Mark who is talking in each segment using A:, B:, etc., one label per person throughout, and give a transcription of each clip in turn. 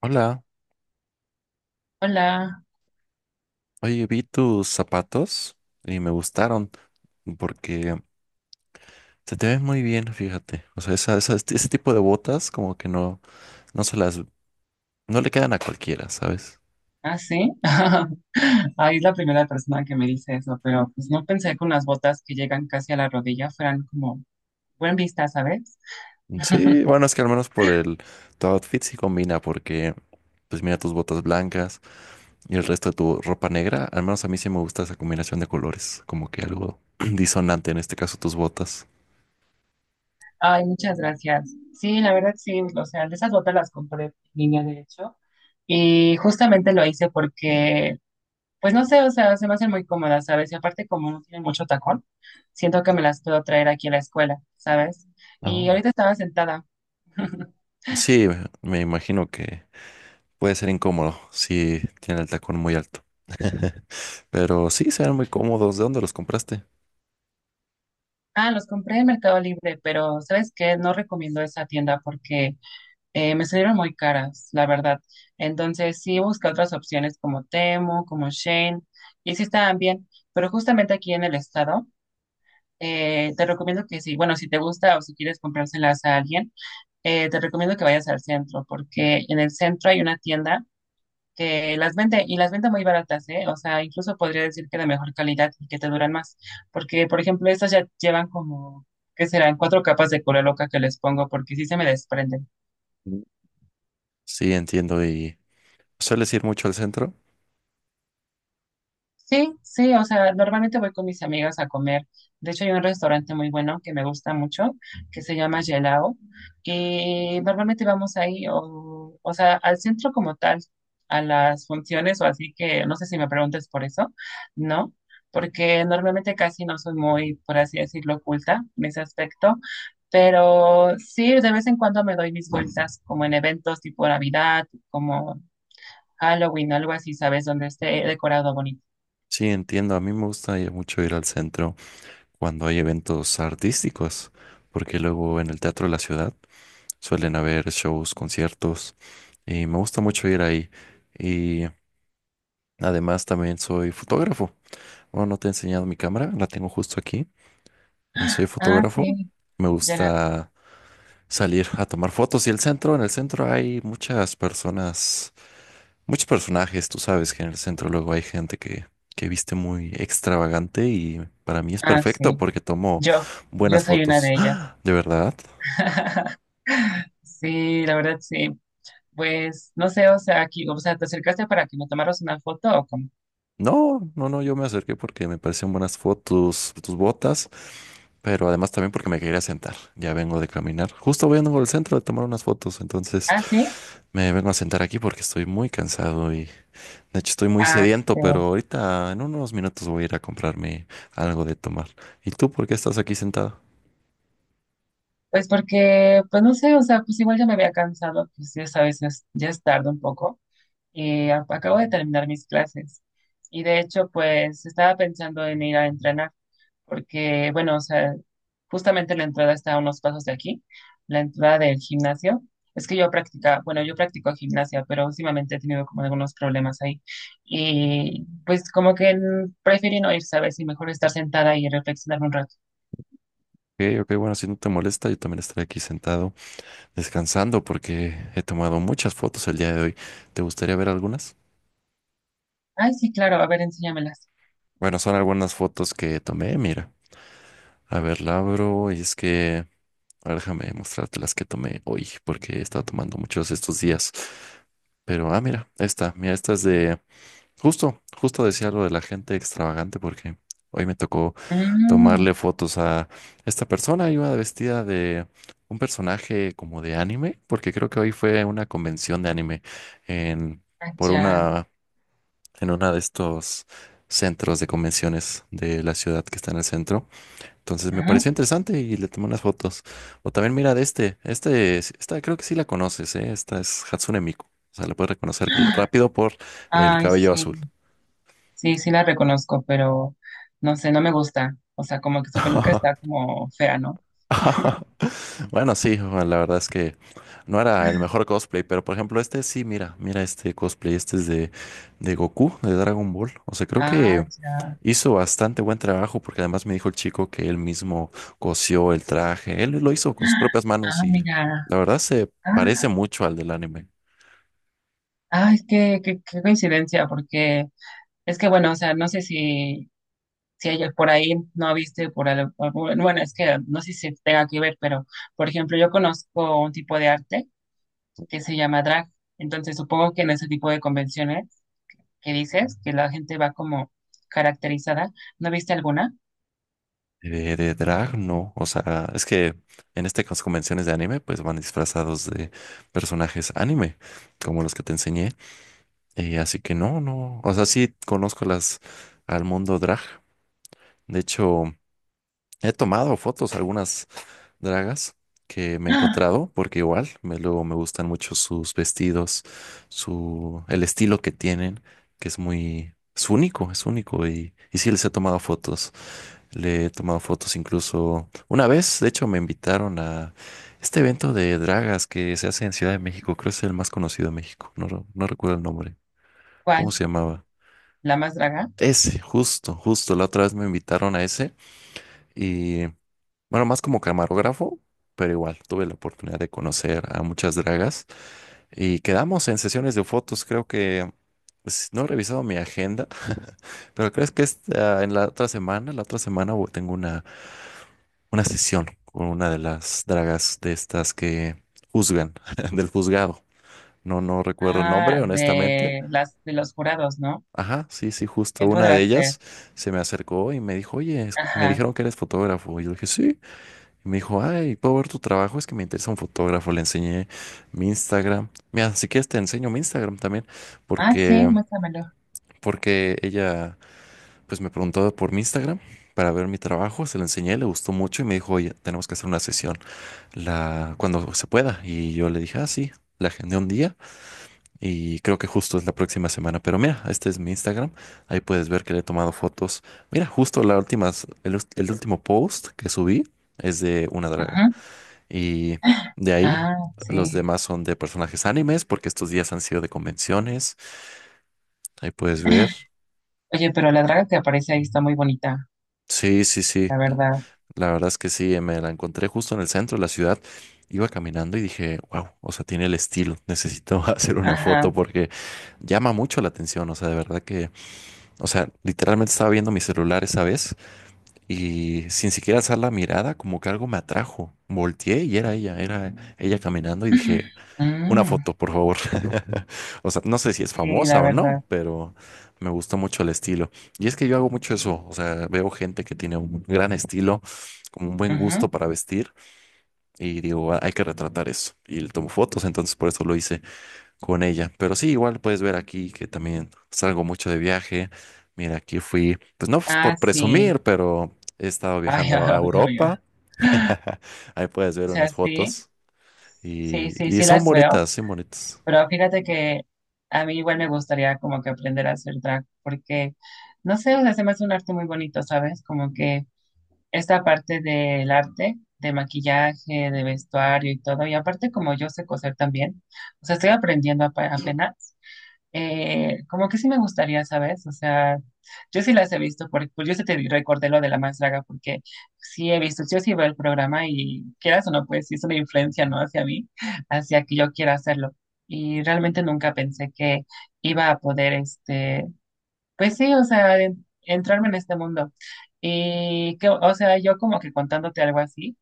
A: Hola,
B: Hola,
A: oye, vi tus zapatos y me gustaron porque se te ven muy bien, fíjate. O sea, ese tipo de botas como que no se las, no le quedan a cualquiera, ¿sabes?
B: ¿ah, sí? Ahí es la primera persona que me dice eso, pero pues no pensé que unas botas que llegan casi a la rodilla fueran como buen vista, ¿sabes?
A: Sí, bueno, es que al menos por tu outfit sí combina porque, pues mira tus botas blancas y el resto de tu ropa negra, al menos a mí sí me gusta esa combinación de colores, como que algo disonante, en este caso tus botas.
B: Ay, muchas gracias. Sí, la verdad sí, o sea, de esas botas las compré en línea, de hecho, y justamente lo hice porque, pues no sé, o sea, se me hacen muy cómodas, ¿sabes? Y aparte como no tienen mucho tacón, siento que me las puedo traer aquí a la escuela, ¿sabes?
A: Ah,
B: Y
A: bueno.
B: ahorita estaba sentada.
A: Sí, me imagino que puede ser incómodo si tiene el tacón muy alto. Pero sí, se ven muy cómodos. ¿De dónde los compraste?
B: Ah, los compré en Mercado Libre, pero ¿sabes qué? No recomiendo esa tienda porque me salieron muy caras, la verdad. Entonces sí busqué otras opciones como Temu, como Shein, y sí estaban bien, pero justamente aquí en el estado, te recomiendo que sí, bueno, si te gusta o si quieres comprárselas a alguien, te recomiendo que vayas al centro, porque en el centro hay una tienda que las vende y las vende muy baratas, ¿eh? O sea, incluso podría decir que de mejor calidad y que te duran más, porque por ejemplo, estas ya llevan como, ¿qué serán? Cuatro capas de loca que les pongo porque sí se me desprenden.
A: Mm. Sí, entiendo. ¿Y sueles ir mucho al centro?
B: Sí, sí, o sea, normalmente voy con mis amigas a comer. De hecho, hay un restaurante muy bueno que me gusta mucho, que se llama Gelao, y normalmente vamos ahí, o sea, al centro como tal, a las funciones, o así que no sé si me preguntes por eso, ¿no? Porque normalmente casi no soy muy, por así decirlo, oculta en ese aspecto, pero sí, de vez en cuando me doy mis vueltas, como en eventos tipo Navidad, como Halloween, algo así, ¿sabes? Donde esté decorado bonito.
A: Sí, entiendo. A mí me gusta mucho ir al centro cuando hay eventos artísticos, porque luego en el Teatro de la Ciudad suelen haber shows, conciertos, y me gusta mucho ir ahí. Y además también soy fotógrafo. Bueno, no te he enseñado mi cámara, la tengo justo aquí, y soy
B: Ah,
A: fotógrafo.
B: sí,
A: Me
B: ya la vi.
A: gusta salir a tomar fotos. Y en el centro hay muchas personas, muchos personajes. Tú sabes que en el centro luego hay que viste muy extravagante y para mí es
B: Ah,
A: perfecto
B: sí,
A: porque tomo
B: yo, yo
A: buenas
B: soy una
A: fotos.
B: de ellas.
A: ¡Ah! ¿De verdad?
B: Sí, la verdad, sí. Pues, no sé, o sea, aquí, o sea, ¿te acercaste para que me tomaras una foto o cómo?
A: No, no, no, yo me acerqué porque me parecían buenas fotos, tus botas, pero además también porque me quería sentar. Ya vengo de caminar. Justo voy vengo al centro de tomar unas fotos, entonces
B: Ah, sí,
A: me vengo a sentar aquí porque estoy muy cansado. Y de hecho, estoy muy
B: ah, sí,
A: sediento,
B: te
A: pero
B: veo.
A: ahorita en unos minutos voy a ir a comprarme algo de tomar. ¿Y tú por qué estás aquí sentado?
B: Pues porque, pues no sé, o sea, pues igual ya me había cansado, pues ya sabes, es- ya es tarde un poco. Y a- acabo de terminar mis clases. Y de hecho, pues estaba pensando en ir a entrenar. Porque, bueno, o sea, justamente la entrada está a unos pasos de aquí, la entrada del gimnasio. Es que yo practicaba, bueno, yo practico gimnasia, pero últimamente he tenido como algunos problemas ahí. Y pues como que preferí no ir, ¿sabes? Y mejor estar sentada y reflexionar un rato.
A: Ok, ok, bueno, si no te molesta, yo también estaré aquí sentado descansando porque he tomado muchas fotos el día de hoy. ¿Te gustaría ver algunas?
B: Ay, sí, claro, a ver, enséñamelas.
A: Bueno, son algunas fotos que tomé, mira. A ver, la abro y es que... a ver, déjame mostrarte las que tomé hoy porque he estado tomando muchos estos días. Pero, ah, mira, esta es de... Justo, justo decía lo de la gente extravagante porque hoy me tocó
B: Mm,
A: tomarle fotos a esta persona. Iba vestida de un personaje como de anime, porque creo que hoy fue una convención de anime en por
B: allá.
A: una en una de estos centros de convenciones de la ciudad que está en el centro. Entonces me
B: Ujú.
A: pareció interesante y le tomé unas fotos. O también mira de este, esta creo que sí la conoces, ¿eh? Esta es Hatsune Miku. O sea, la puedes reconocer rápido por el
B: Ay,
A: cabello azul.
B: sí, sí, sí la reconozco, pero no sé, no me gusta. O sea, como que su peluca está como fea, ¿no?
A: Bueno, sí, Juan, la verdad es que no era el mejor cosplay, pero por ejemplo este sí, mira, mira este cosplay, este es de Goku, de Dragon Ball. O sea, creo
B: Ah,
A: que
B: ya.
A: hizo bastante buen trabajo porque además me dijo el chico que él mismo cosió el traje, él lo hizo con sus propias manos
B: Ah,
A: y
B: mira.
A: la verdad se parece
B: Ah,
A: mucho al del anime.
B: ay, qué, qué, qué coincidencia, porque es que bueno, o sea, no sé si, si ella por ahí no viste por al- algún- bueno, bueno, es que no sé si tenga que ver, pero por ejemplo, yo conozco un tipo de arte que se llama drag, entonces supongo que en ese tipo de convenciones que dices, que la gente va como caracterizada, ¿no viste alguna?
A: De drag, no, o sea, es que en este caso convenciones de anime pues van disfrazados de personajes anime, como los que te enseñé. Así que no, no, o sea, sí conozco las al mundo drag. De hecho, he tomado fotos a algunas dragas que me he
B: ¡Ah!
A: encontrado, porque luego me gustan mucho sus vestidos, el estilo que tienen, que es es único, es único. Y sí les he tomado fotos. Le he tomado fotos incluso una vez. De hecho, me invitaron a este evento de dragas que se hace en Ciudad de México, creo que es el más conocido de México. No, no recuerdo el nombre. ¿Cómo
B: ¿Cuál?
A: se llamaba?
B: ¿La más draga?
A: Ese, justo, justo. La otra vez me invitaron a ese y, bueno, más como camarógrafo, pero igual tuve la oportunidad de conocer a muchas dragas y quedamos en sesiones de fotos. Creo que, pues, no he revisado mi agenda, pero crees que en la otra semana tengo una sesión con una de las dragas de estas que juzgan, del juzgado. No, no recuerdo el
B: Ah,
A: nombre, honestamente.
B: de las de los jurados, ¿no?
A: Ajá, sí, sí, justo
B: ¿Quién
A: una de
B: podrá ser?
A: ellas se me acercó y me dijo, oye, me
B: Ajá.
A: dijeron que eres fotógrafo. Y yo dije, sí. Y me dijo, ay, ¿puedo ver tu trabajo? Es que me interesa un fotógrafo. Le enseñé mi Instagram. Mira, si quieres te enseño mi Instagram también,
B: Ay, sí,
A: porque,
B: muéstramelo.
A: porque ella, pues me preguntó por mi Instagram para ver mi trabajo. Se lo enseñé, le gustó mucho y me dijo, oye, tenemos que hacer una sesión cuando se pueda. Y yo le dije, ah, sí. La agendé un día. Y creo que justo es la próxima semana. Pero mira, este es mi Instagram. Ahí puedes ver que le he tomado fotos. Mira, justo la últimas, el último post que subí es de una draga.
B: Ajá.
A: Y de ahí,
B: Ah,
A: los
B: sí.
A: demás son de personajes animes, porque estos días han sido de convenciones. Ahí puedes ver.
B: Oye, pero la draga que aparece ahí está muy bonita,
A: Sí, sí, sí.
B: la verdad.
A: La verdad es que sí, me la encontré justo en el centro de la ciudad. Iba caminando y dije, wow, o sea, tiene el estilo. Necesito hacer una foto
B: Ajá.
A: porque llama mucho la atención. O sea, de verdad que... O sea, literalmente estaba viendo mi celular esa vez y sin siquiera alzar la mirada, como que algo me atrajo. Volteé y era ella caminando y dije, una
B: Mm,
A: foto, por favor. O sea, no sé si es
B: sí,
A: famosa
B: la
A: o no,
B: verdad.
A: pero me gustó mucho el estilo. Y es que yo hago mucho eso, o sea, veo gente que tiene un gran estilo, como un buen
B: Ujú.
A: gusto para vestir y digo, "Ah, hay que retratar eso." Y le tomo fotos, entonces por eso lo hice con ella. Pero sí, igual puedes ver aquí que también salgo mucho de viaje. Mira, aquí fui, pues no es
B: Ah,
A: por
B: sí.
A: presumir, pero he estado
B: Ay, ay,
A: viajando a
B: ay, ay.
A: Europa. Ahí puedes
B: O
A: ver
B: sea,
A: unas
B: sí,
A: fotos
B: sí, sí,
A: y
B: sí
A: son
B: las veo,
A: bonitas, son bonitas.
B: pero fíjate que a mí igual me gustaría como que aprender a hacer drag, porque, no sé, o sea, se me hace un arte muy bonito, ¿sabes? Como que esta parte del arte, de maquillaje, de vestuario y todo, y aparte como yo sé coser también, o sea, estoy aprendiendo apa- apenas. Como que sí me gustaría, ¿sabes? O sea, yo sí las he visto, porque, pues yo sí te recordé lo de la más draga, porque sí he visto, yo sí veo el programa y quieras o no, pues sí es una influencia, ¿no? Hacia mí, hacia que yo quiera hacerlo. Y realmente nunca pensé que iba a poder, este, pues sí, o sea, en- entrarme en este mundo. Y que, o sea, yo como que contándote algo así.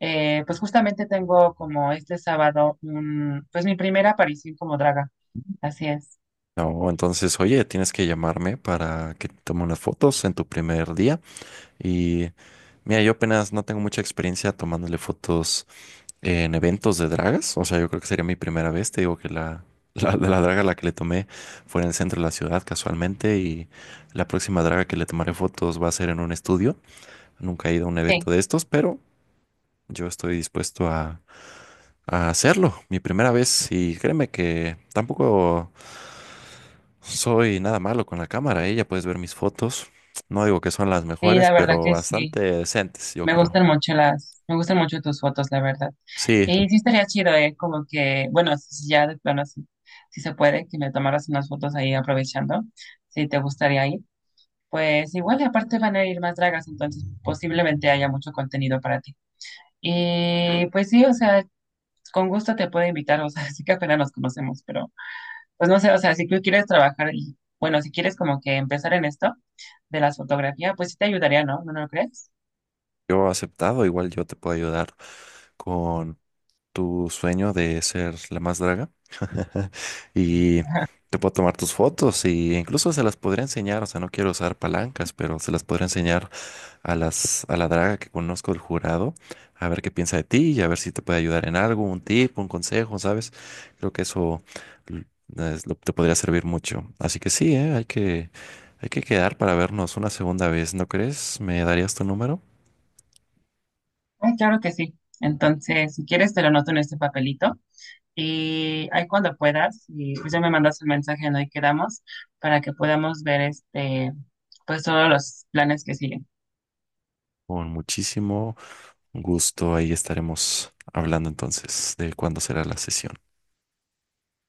B: Pues justamente tengo como este sábado, un, pues mi primera aparición como draga. Así es.
A: No, entonces, oye, tienes que llamarme para que te tome unas fotos en tu primer día. Y mira, yo apenas no tengo mucha experiencia tomándole fotos en eventos de dragas. O sea, yo creo que sería mi primera vez. Te digo que la draga a la que le tomé fue en el centro de la ciudad casualmente y la próxima draga que le tomaré fotos va a ser en un estudio. Nunca he ido a un
B: Sí.
A: evento de estos, pero yo estoy dispuesto a hacerlo. Mi primera vez, y créeme que tampoco soy nada malo con la cámara. Ella puedes ver mis fotos. No digo que son las
B: Sí,
A: mejores,
B: la verdad
A: pero
B: que sí.
A: bastante decentes, yo
B: Me
A: creo.
B: gustan mucho las, me gustan mucho tus fotos, la verdad.
A: Sí,
B: Y sí estaría chido, ¿eh? Como que, bueno, si ya de plano, sí, si se puede, que me tomaras unas fotos ahí aprovechando, si te gustaría ir. Pues igual, y aparte van a ir más dragas, entonces posiblemente haya mucho contenido para ti. Y pues sí, o sea, con gusto te puedo invitar, o sea, sí que apenas nos conocemos, pero pues no sé, o sea, si tú quieres trabajar y, bueno, si quieres como que empezar en esto de las fotografías, pues sí te ayudaría, ¿no? ¿No lo crees?
A: yo aceptado. Igual yo te puedo ayudar tu sueño de ser la más draga y te puedo tomar tus fotos y incluso se las podría enseñar. O sea, no quiero usar palancas, pero se las podría enseñar a la draga que conozco del jurado, a ver qué piensa de ti y a ver si te puede ayudar en algo, un tip, un consejo, ¿sabes? Creo que eso l- te podría servir mucho. Así que sí, ¿eh? Hay que quedar para vernos una segunda vez, ¿no crees? ¿Me darías tu número?
B: Ay, claro que sí. Entonces, si quieres, te lo anoto en este papelito. Y ahí cuando puedas, y pues ya me mandas el mensaje en hoy quedamos para que podamos ver este, pues todos los planes que siguen.
A: Con muchísimo... Un gusto, ahí estaremos hablando entonces de cuándo será la sesión.